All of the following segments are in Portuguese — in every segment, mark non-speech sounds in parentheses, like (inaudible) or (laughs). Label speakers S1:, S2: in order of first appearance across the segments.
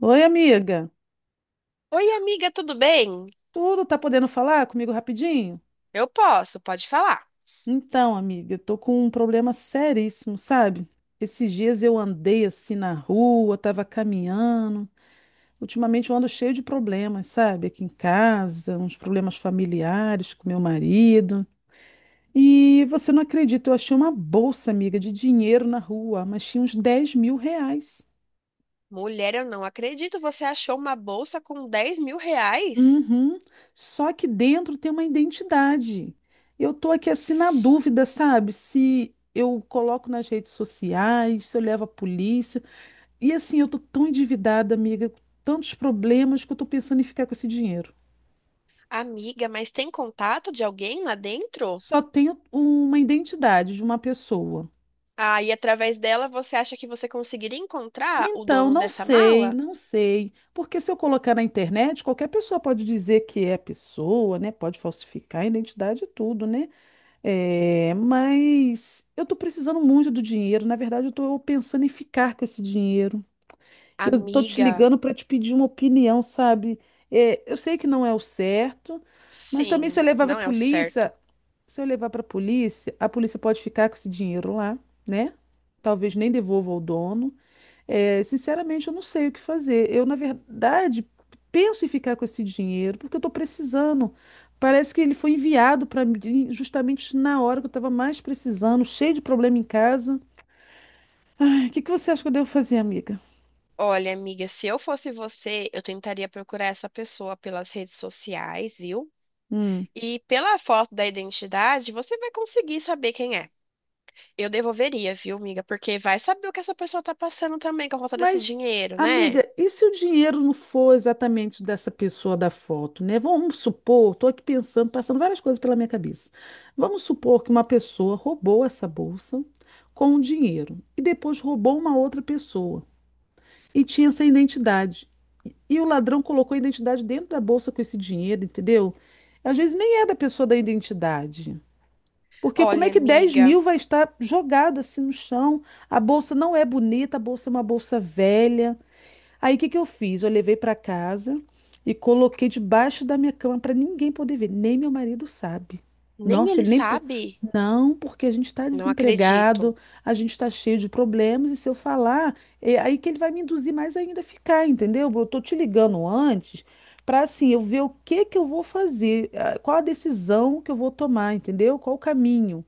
S1: Oi, amiga.
S2: Oi, amiga, tudo bem?
S1: Tudo tá podendo falar comigo rapidinho?
S2: Eu posso, pode falar.
S1: Então, amiga, tô com um problema seríssimo, sabe? Esses dias eu andei assim na rua, tava caminhando. Ultimamente eu ando cheio de problemas, sabe? Aqui em casa, uns problemas familiares com meu marido. E você não acredita, eu achei uma bolsa, amiga, de dinheiro na rua, mas tinha uns R$ 10.000.
S2: Mulher, eu não acredito, você achou uma bolsa com R$ 10.000?
S1: Uhum. Só que dentro tem uma identidade. Eu tô aqui assim na dúvida, sabe? Se eu coloco nas redes sociais, se eu levo a polícia. E assim, eu tô tão endividada, amiga, com tantos problemas que eu tô pensando em ficar com esse dinheiro.
S2: Amiga, mas tem contato de alguém lá dentro?
S1: Só tenho uma identidade de uma pessoa.
S2: Ah, e através dela você acha que você conseguiria encontrar o
S1: Então,
S2: dono
S1: não
S2: dessa
S1: sei,
S2: mala?
S1: não sei. Porque se eu colocar na internet, qualquer pessoa pode dizer que é a pessoa, né? Pode falsificar a identidade e tudo, né? É, mas eu tô precisando muito do dinheiro. Na verdade, eu tô pensando em ficar com esse dinheiro. Eu tô te
S2: Amiga,
S1: ligando para te pedir uma opinião, sabe? É, eu sei que não é o certo, mas também se eu
S2: sim,
S1: levar para
S2: não é o
S1: polícia,
S2: certo.
S1: se eu levar para polícia, a polícia pode ficar com esse dinheiro lá, né? Talvez nem devolva ao dono. É, sinceramente, eu não sei o que fazer. Eu, na verdade, penso em ficar com esse dinheiro porque eu estou precisando. Parece que ele foi enviado para mim justamente na hora que eu estava mais precisando, cheio de problema em casa. Ai, o que que você acha que eu devo fazer, amiga?
S2: Olha, amiga, se eu fosse você, eu tentaria procurar essa pessoa pelas redes sociais, viu?
S1: Hum.
S2: E pela foto da identidade, você vai conseguir saber quem é. Eu devolveria, viu, amiga? Porque vai saber o que essa pessoa tá passando também com a volta desse
S1: Mas,
S2: dinheiro, né?
S1: amiga, e se o dinheiro não for exatamente dessa pessoa da foto, né? Vamos supor, estou aqui pensando, passando várias coisas pela minha cabeça. Vamos supor que uma pessoa roubou essa bolsa com o dinheiro e depois roubou uma outra pessoa. E tinha essa identidade. E o ladrão colocou a identidade dentro da bolsa com esse dinheiro, entendeu? Às vezes nem é da pessoa da identidade. Porque como
S2: Olha,
S1: é que dez
S2: amiga,
S1: mil vai estar jogado assim no chão? A bolsa não é bonita, a bolsa é uma bolsa velha. Aí o que que eu fiz? Eu levei para casa e coloquei debaixo da minha cama para ninguém poder ver, nem meu marido sabe.
S2: nem
S1: Nossa,
S2: ele
S1: ele nem po-
S2: sabe?
S1: Não, porque a gente está
S2: Não acredito.
S1: desempregado, a gente está cheio de problemas, e se eu falar, é aí que ele vai me induzir mais ainda a ficar, entendeu? Eu tô te ligando antes para assim, eu ver o que que eu vou fazer, qual a decisão que eu vou tomar, entendeu? Qual o caminho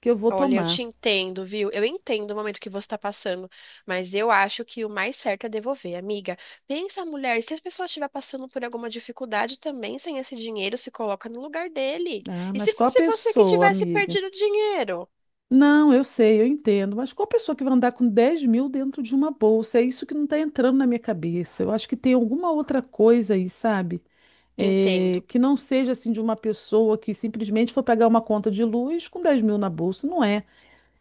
S1: que eu vou
S2: Olha, eu
S1: tomar.
S2: te entendo, viu? Eu entendo o momento que você tá passando, mas eu acho que o mais certo é devolver, amiga. Pensa, mulher, se a pessoa estiver passando por alguma dificuldade também sem esse dinheiro, se coloca no lugar dele.
S1: Ah,
S2: E
S1: mas
S2: se
S1: qual a
S2: fosse você que
S1: pessoa,
S2: tivesse
S1: amiga?
S2: perdido o dinheiro?
S1: Não, eu sei, eu entendo, mas qual pessoa que vai andar com 10.000 dentro de uma bolsa? É isso que não está entrando na minha cabeça. Eu acho que tem alguma outra coisa aí, sabe? É,
S2: Entendo.
S1: que não seja assim de uma pessoa que simplesmente for pegar uma conta de luz com 10.000 na bolsa. Não é.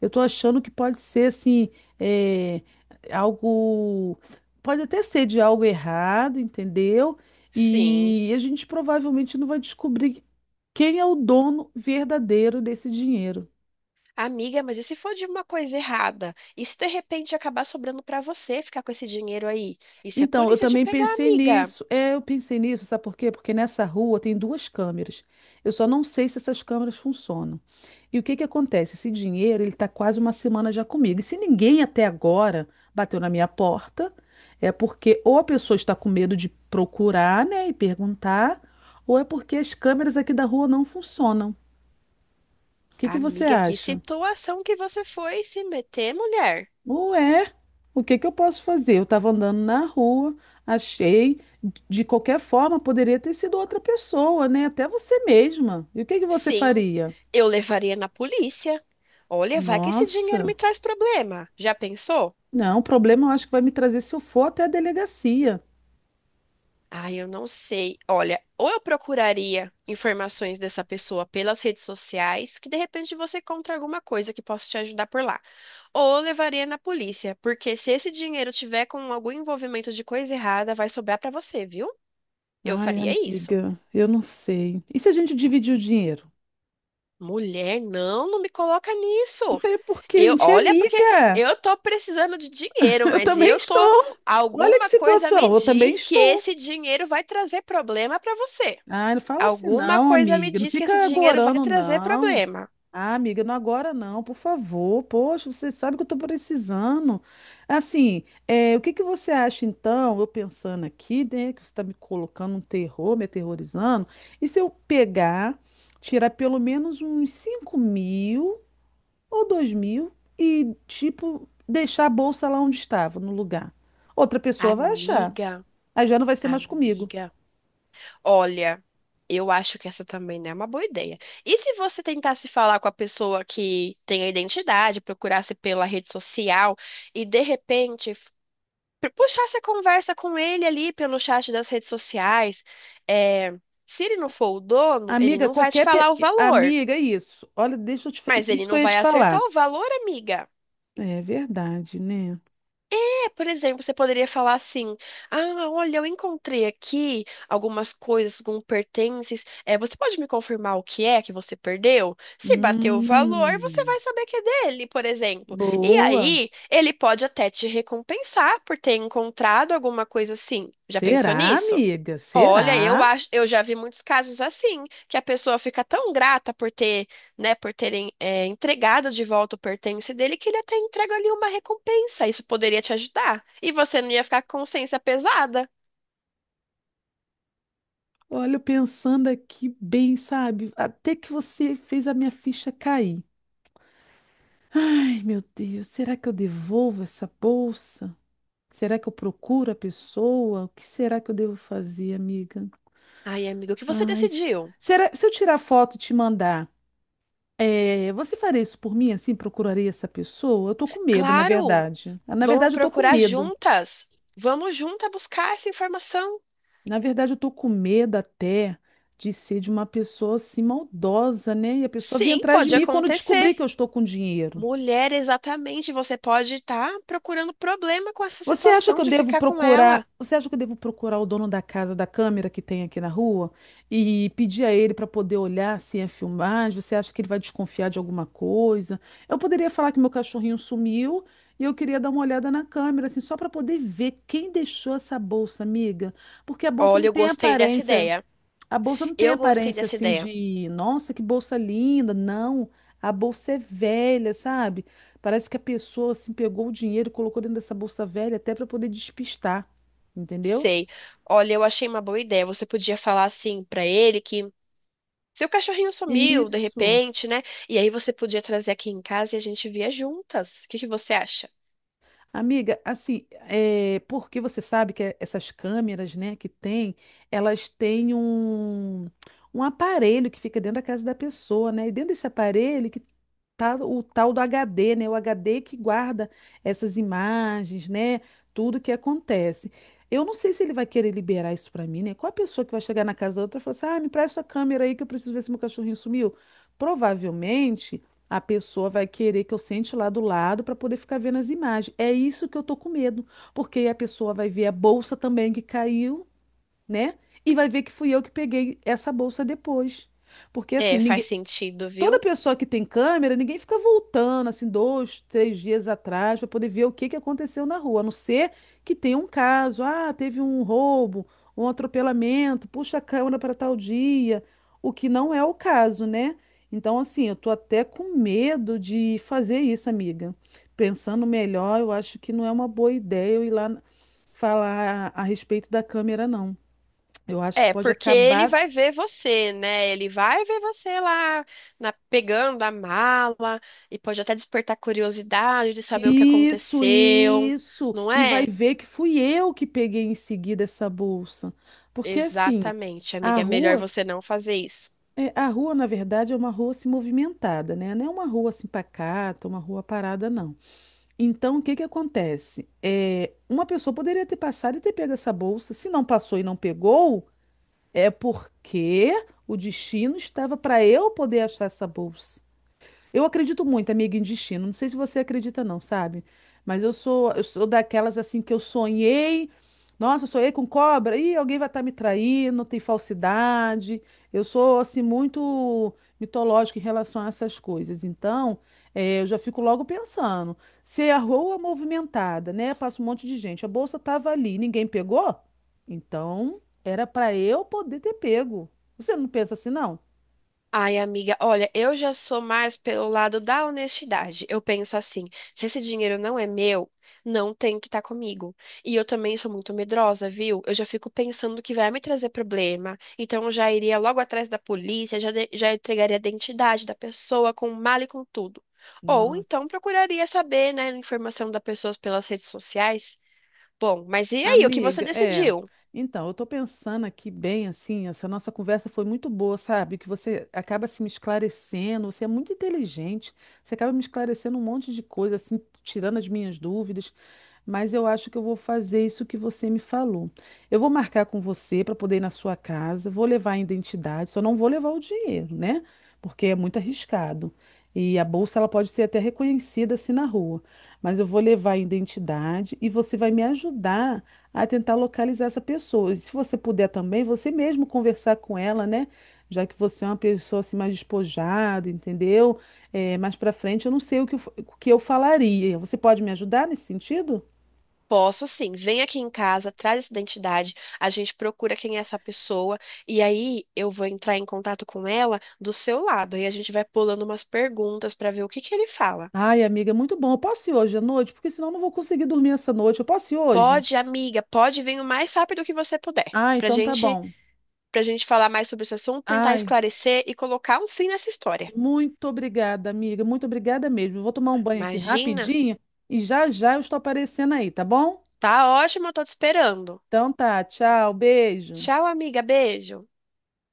S1: Eu estou achando que pode ser assim, é, algo. Pode até ser de algo errado, entendeu?
S2: Sim.
S1: E a gente provavelmente não vai descobrir quem é o dono verdadeiro desse dinheiro.
S2: Amiga, mas e se for de uma coisa errada? E se de repente acabar sobrando pra você ficar com esse dinheiro aí? E se a
S1: Então, eu
S2: polícia te
S1: também
S2: pegar,
S1: pensei
S2: amiga?
S1: nisso. É, eu pensei nisso, sabe por quê? Porque nessa rua tem duas câmeras. Eu só não sei se essas câmeras funcionam. E o que que acontece? Esse dinheiro, ele tá quase uma semana já comigo. E se ninguém até agora bateu na minha porta, é porque ou a pessoa está com medo de procurar, né, e perguntar, ou é porque as câmeras aqui da rua não funcionam. O que que você
S2: Amiga, que
S1: acha?
S2: situação que você foi se meter, mulher?
S1: Ué, o que que eu posso fazer? Eu estava andando na rua, achei, de qualquer forma, poderia ter sido outra pessoa, né? Até você mesma. E o que que você
S2: Sim,
S1: faria?
S2: eu levaria na polícia. Olha, vai que esse dinheiro
S1: Nossa,
S2: me traz problema. Já pensou?
S1: não, o problema eu acho que vai me trazer se eu for até a delegacia.
S2: Ah, eu não sei. Olha, ou eu procuraria informações dessa pessoa pelas redes sociais, que de repente você encontra alguma coisa que possa te ajudar por lá. Ou eu levaria na polícia, porque se esse dinheiro tiver com algum envolvimento de coisa errada, vai sobrar pra você, viu? Eu
S1: Ai,
S2: faria isso.
S1: amiga, eu não sei. E se a gente dividir o dinheiro?
S2: Mulher, não, não me coloca nisso.
S1: É porque a
S2: Eu,
S1: gente é
S2: olha, porque
S1: amiga.
S2: eu tô precisando de dinheiro,
S1: (laughs) Eu
S2: mas
S1: também
S2: eu tô,
S1: estou. Olha que
S2: alguma coisa me
S1: situação, eu também
S2: diz que
S1: estou.
S2: esse dinheiro vai trazer problema pra você.
S1: Ah, não fala assim,
S2: Alguma
S1: não,
S2: coisa me
S1: amiga. Não
S2: diz que esse
S1: fica
S2: dinheiro vai
S1: agorando,
S2: trazer
S1: não.
S2: problema.
S1: Ah, amiga, não agora não, por favor. Poxa, você sabe que eu estou precisando. Assim, o que que você acha então? Eu pensando aqui, né, que você está me colocando um terror, me aterrorizando. E se eu pegar, tirar pelo menos uns 5.000 ou 2.000 e, tipo, deixar a bolsa lá onde estava, no lugar? Outra pessoa vai achar.
S2: Amiga,
S1: Aí já não vai ser mais comigo.
S2: amiga, olha, eu acho que essa também não é uma boa ideia. E se você tentasse falar com a pessoa que tem a identidade, procurasse pela rede social e de repente puxasse a conversa com ele ali pelo chat das redes sociais? É, se ele não for o dono, ele
S1: Amiga,
S2: não vai te
S1: qualquer.
S2: falar
S1: pe-
S2: o valor,
S1: Amiga, é isso. Olha, deixa eu te. Fa-
S2: mas ele
S1: Isso que eu
S2: não
S1: ia te
S2: vai acertar
S1: falar.
S2: o valor, amiga.
S1: É verdade, né?
S2: É, por exemplo, você poderia falar assim: Ah, olha, eu encontrei aqui algumas coisas, alguns pertences. É, você pode me confirmar o que é que você perdeu? Se bater o valor, você
S1: Hum,
S2: vai saber que é dele, por exemplo. E
S1: boa.
S2: aí, ele pode até te recompensar por ter encontrado alguma coisa assim. Já pensou
S1: Será,
S2: nisso?
S1: amiga?
S2: Olha, eu
S1: Será?
S2: acho, eu já vi muitos casos assim, que a pessoa fica tão grata por ter, né, por terem entregado de volta o pertence dele que ele até entrega ali uma recompensa. Isso poderia te ajudar. E você não ia ficar com consciência pesada.
S1: Olha, eu pensando aqui bem, sabe? Até que você fez a minha ficha cair. Ai, meu Deus, será que eu devolvo essa bolsa? Será que eu procuro a pessoa? O que será que eu devo fazer, amiga?
S2: Ai, amigo, o que você
S1: Ai,
S2: decidiu?
S1: será, se eu tirar foto e te mandar, você faria isso por mim, assim, procuraria essa pessoa? Eu tô com medo, na
S2: Claro,
S1: verdade. Na
S2: vamos
S1: verdade, eu tô com
S2: procurar
S1: medo.
S2: juntas. Vamos juntas buscar essa informação.
S1: Na verdade, eu tô com medo até de ser de uma pessoa assim maldosa, né? E a pessoa vir
S2: Sim,
S1: atrás de
S2: pode
S1: mim quando descobrir
S2: acontecer.
S1: que eu estou com dinheiro.
S2: Mulher, exatamente, você pode estar procurando problema com essa
S1: Você acha que
S2: situação
S1: eu
S2: de
S1: devo
S2: ficar com
S1: procurar?
S2: ela.
S1: Você acha que eu devo procurar o dono da casa da câmera que tem aqui na rua e pedir a ele para poder olhar se é filmagem? Você acha que ele vai desconfiar de alguma coisa? Eu poderia falar que meu cachorrinho sumiu e eu queria dar uma olhada na câmera, assim, só para poder ver quem deixou essa bolsa, amiga, porque a bolsa não
S2: Olha, eu
S1: tem
S2: gostei dessa
S1: aparência.
S2: ideia.
S1: A bolsa não tem
S2: Eu gostei
S1: aparência
S2: dessa
S1: assim
S2: ideia.
S1: de, nossa, que bolsa linda. Não, a bolsa é velha, sabe? Parece que a pessoa assim pegou o dinheiro e colocou dentro dessa bolsa velha até para poder despistar, entendeu?
S2: Sei. Olha, eu achei uma boa ideia. Você podia falar assim pra ele que seu cachorrinho sumiu de
S1: Isso.
S2: repente, né? E aí você podia trazer aqui em casa e a gente via juntas. O que que você acha?
S1: Amiga, assim, porque você sabe que essas câmeras, né, que tem, elas têm um aparelho que fica dentro da casa da pessoa, né? E dentro desse aparelho que tá o tal do HD, né? O HD que guarda essas imagens, né? Tudo que acontece. Eu não sei se ele vai querer liberar isso pra mim, né? Qual a pessoa que vai chegar na casa da outra e falar assim, ah, me presta sua câmera aí que eu preciso ver se meu cachorrinho sumiu? Provavelmente. A pessoa vai querer que eu sente lá do lado para poder ficar vendo as imagens. É isso que eu tô com medo, porque aí a pessoa vai ver a bolsa também que caiu, né? E vai ver que fui eu que peguei essa bolsa depois. Porque assim,
S2: É, faz
S1: ninguém.
S2: sentido,
S1: Toda
S2: viu?
S1: pessoa que tem câmera, ninguém fica voltando assim 2, 3 dias atrás para poder ver o que que aconteceu na rua, a não ser que tenha um caso, ah, teve um roubo, um atropelamento, puxa a câmera para tal dia, o que não é o caso, né? Então, assim, eu tô até com medo de fazer isso, amiga. Pensando melhor, eu acho que não é uma boa ideia eu ir lá falar a respeito da câmera, não. Eu acho que
S2: É,
S1: pode
S2: porque ele
S1: acabar.
S2: vai ver você, né? Ele vai ver você lá pegando a mala e pode até despertar curiosidade de saber o que
S1: Isso,
S2: aconteceu,
S1: isso.
S2: não
S1: E vai
S2: é?
S1: ver que fui eu que peguei em seguida essa bolsa. Porque assim,
S2: Exatamente,
S1: a
S2: amiga. É melhor
S1: rua,
S2: você não fazer isso.
S1: a rua na verdade é uma rua assim movimentada, né? Não é uma rua assim pacata, uma rua parada não. Então, o que que acontece? Uma pessoa poderia ter passado e ter pego essa bolsa. Se não passou e não pegou, é porque o destino estava para eu poder achar essa bolsa. Eu acredito muito, amiga, em destino. Não sei se você acredita, não, sabe? Mas eu sou daquelas assim que eu sonhei. Nossa, eu sonhei com cobra. Ih, alguém vai estar me traindo, tem falsidade. Eu sou assim muito mitológica em relação a essas coisas. Então, eu já fico logo pensando. Se a rua movimentada, né? Passa um monte de gente. A bolsa estava ali, ninguém pegou? Então, era para eu poder ter pego. Você não pensa assim, não?
S2: Ai, amiga, olha, eu já sou mais pelo lado da honestidade. Eu penso assim, se esse dinheiro não é meu, não tem que estar comigo. E eu também sou muito medrosa, viu? Eu já fico pensando que vai me trazer problema. Então eu já iria logo atrás da polícia, já, já entregaria a identidade da pessoa com mala e com tudo. Ou então
S1: Nossa.
S2: procuraria saber, né, a informação da pessoa pelas redes sociais. Bom, mas e aí, o que você
S1: Amiga, é.
S2: decidiu?
S1: Então, eu tô pensando aqui bem assim, essa nossa conversa foi muito boa, sabe? Que você acaba se me esclarecendo, você é muito inteligente, você acaba me esclarecendo um monte de coisa, assim, tirando as minhas dúvidas, mas eu acho que eu vou fazer isso que você me falou. Eu vou marcar com você para poder ir na sua casa, vou levar a identidade, só não vou levar o dinheiro, né? Porque é muito arriscado. E a bolsa ela pode ser até reconhecida assim na rua, mas eu vou levar a identidade e você vai me ajudar a tentar localizar essa pessoa. E se você puder também, você mesmo conversar com ela, né? Já que você é uma pessoa assim mais despojada, entendeu? Mais para frente, eu não sei o que o que eu falaria. Você pode me ajudar nesse sentido?
S2: Posso sim. Vem aqui em casa, traz essa identidade, a gente procura quem é essa pessoa e aí eu vou entrar em contato com ela do seu lado e a gente vai pulando umas perguntas para ver o que que ele fala.
S1: Ai, amiga, é muito bom. Eu posso ir hoje à noite? Porque senão eu não vou conseguir dormir essa noite. Eu posso ir hoje?
S2: Pode, amiga, pode vir o mais rápido que você puder,
S1: Ah, então tá bom.
S2: pra gente falar mais sobre esse assunto, tentar
S1: Ai,
S2: esclarecer e colocar um fim nessa história.
S1: muito obrigada, amiga. Muito obrigada mesmo. Eu vou tomar um banho aqui
S2: Imagina?
S1: rapidinho e já já eu estou aparecendo aí, tá bom?
S2: Tá ótimo, eu tô te esperando.
S1: Então tá, tchau, beijo.
S2: Tchau, amiga, beijo.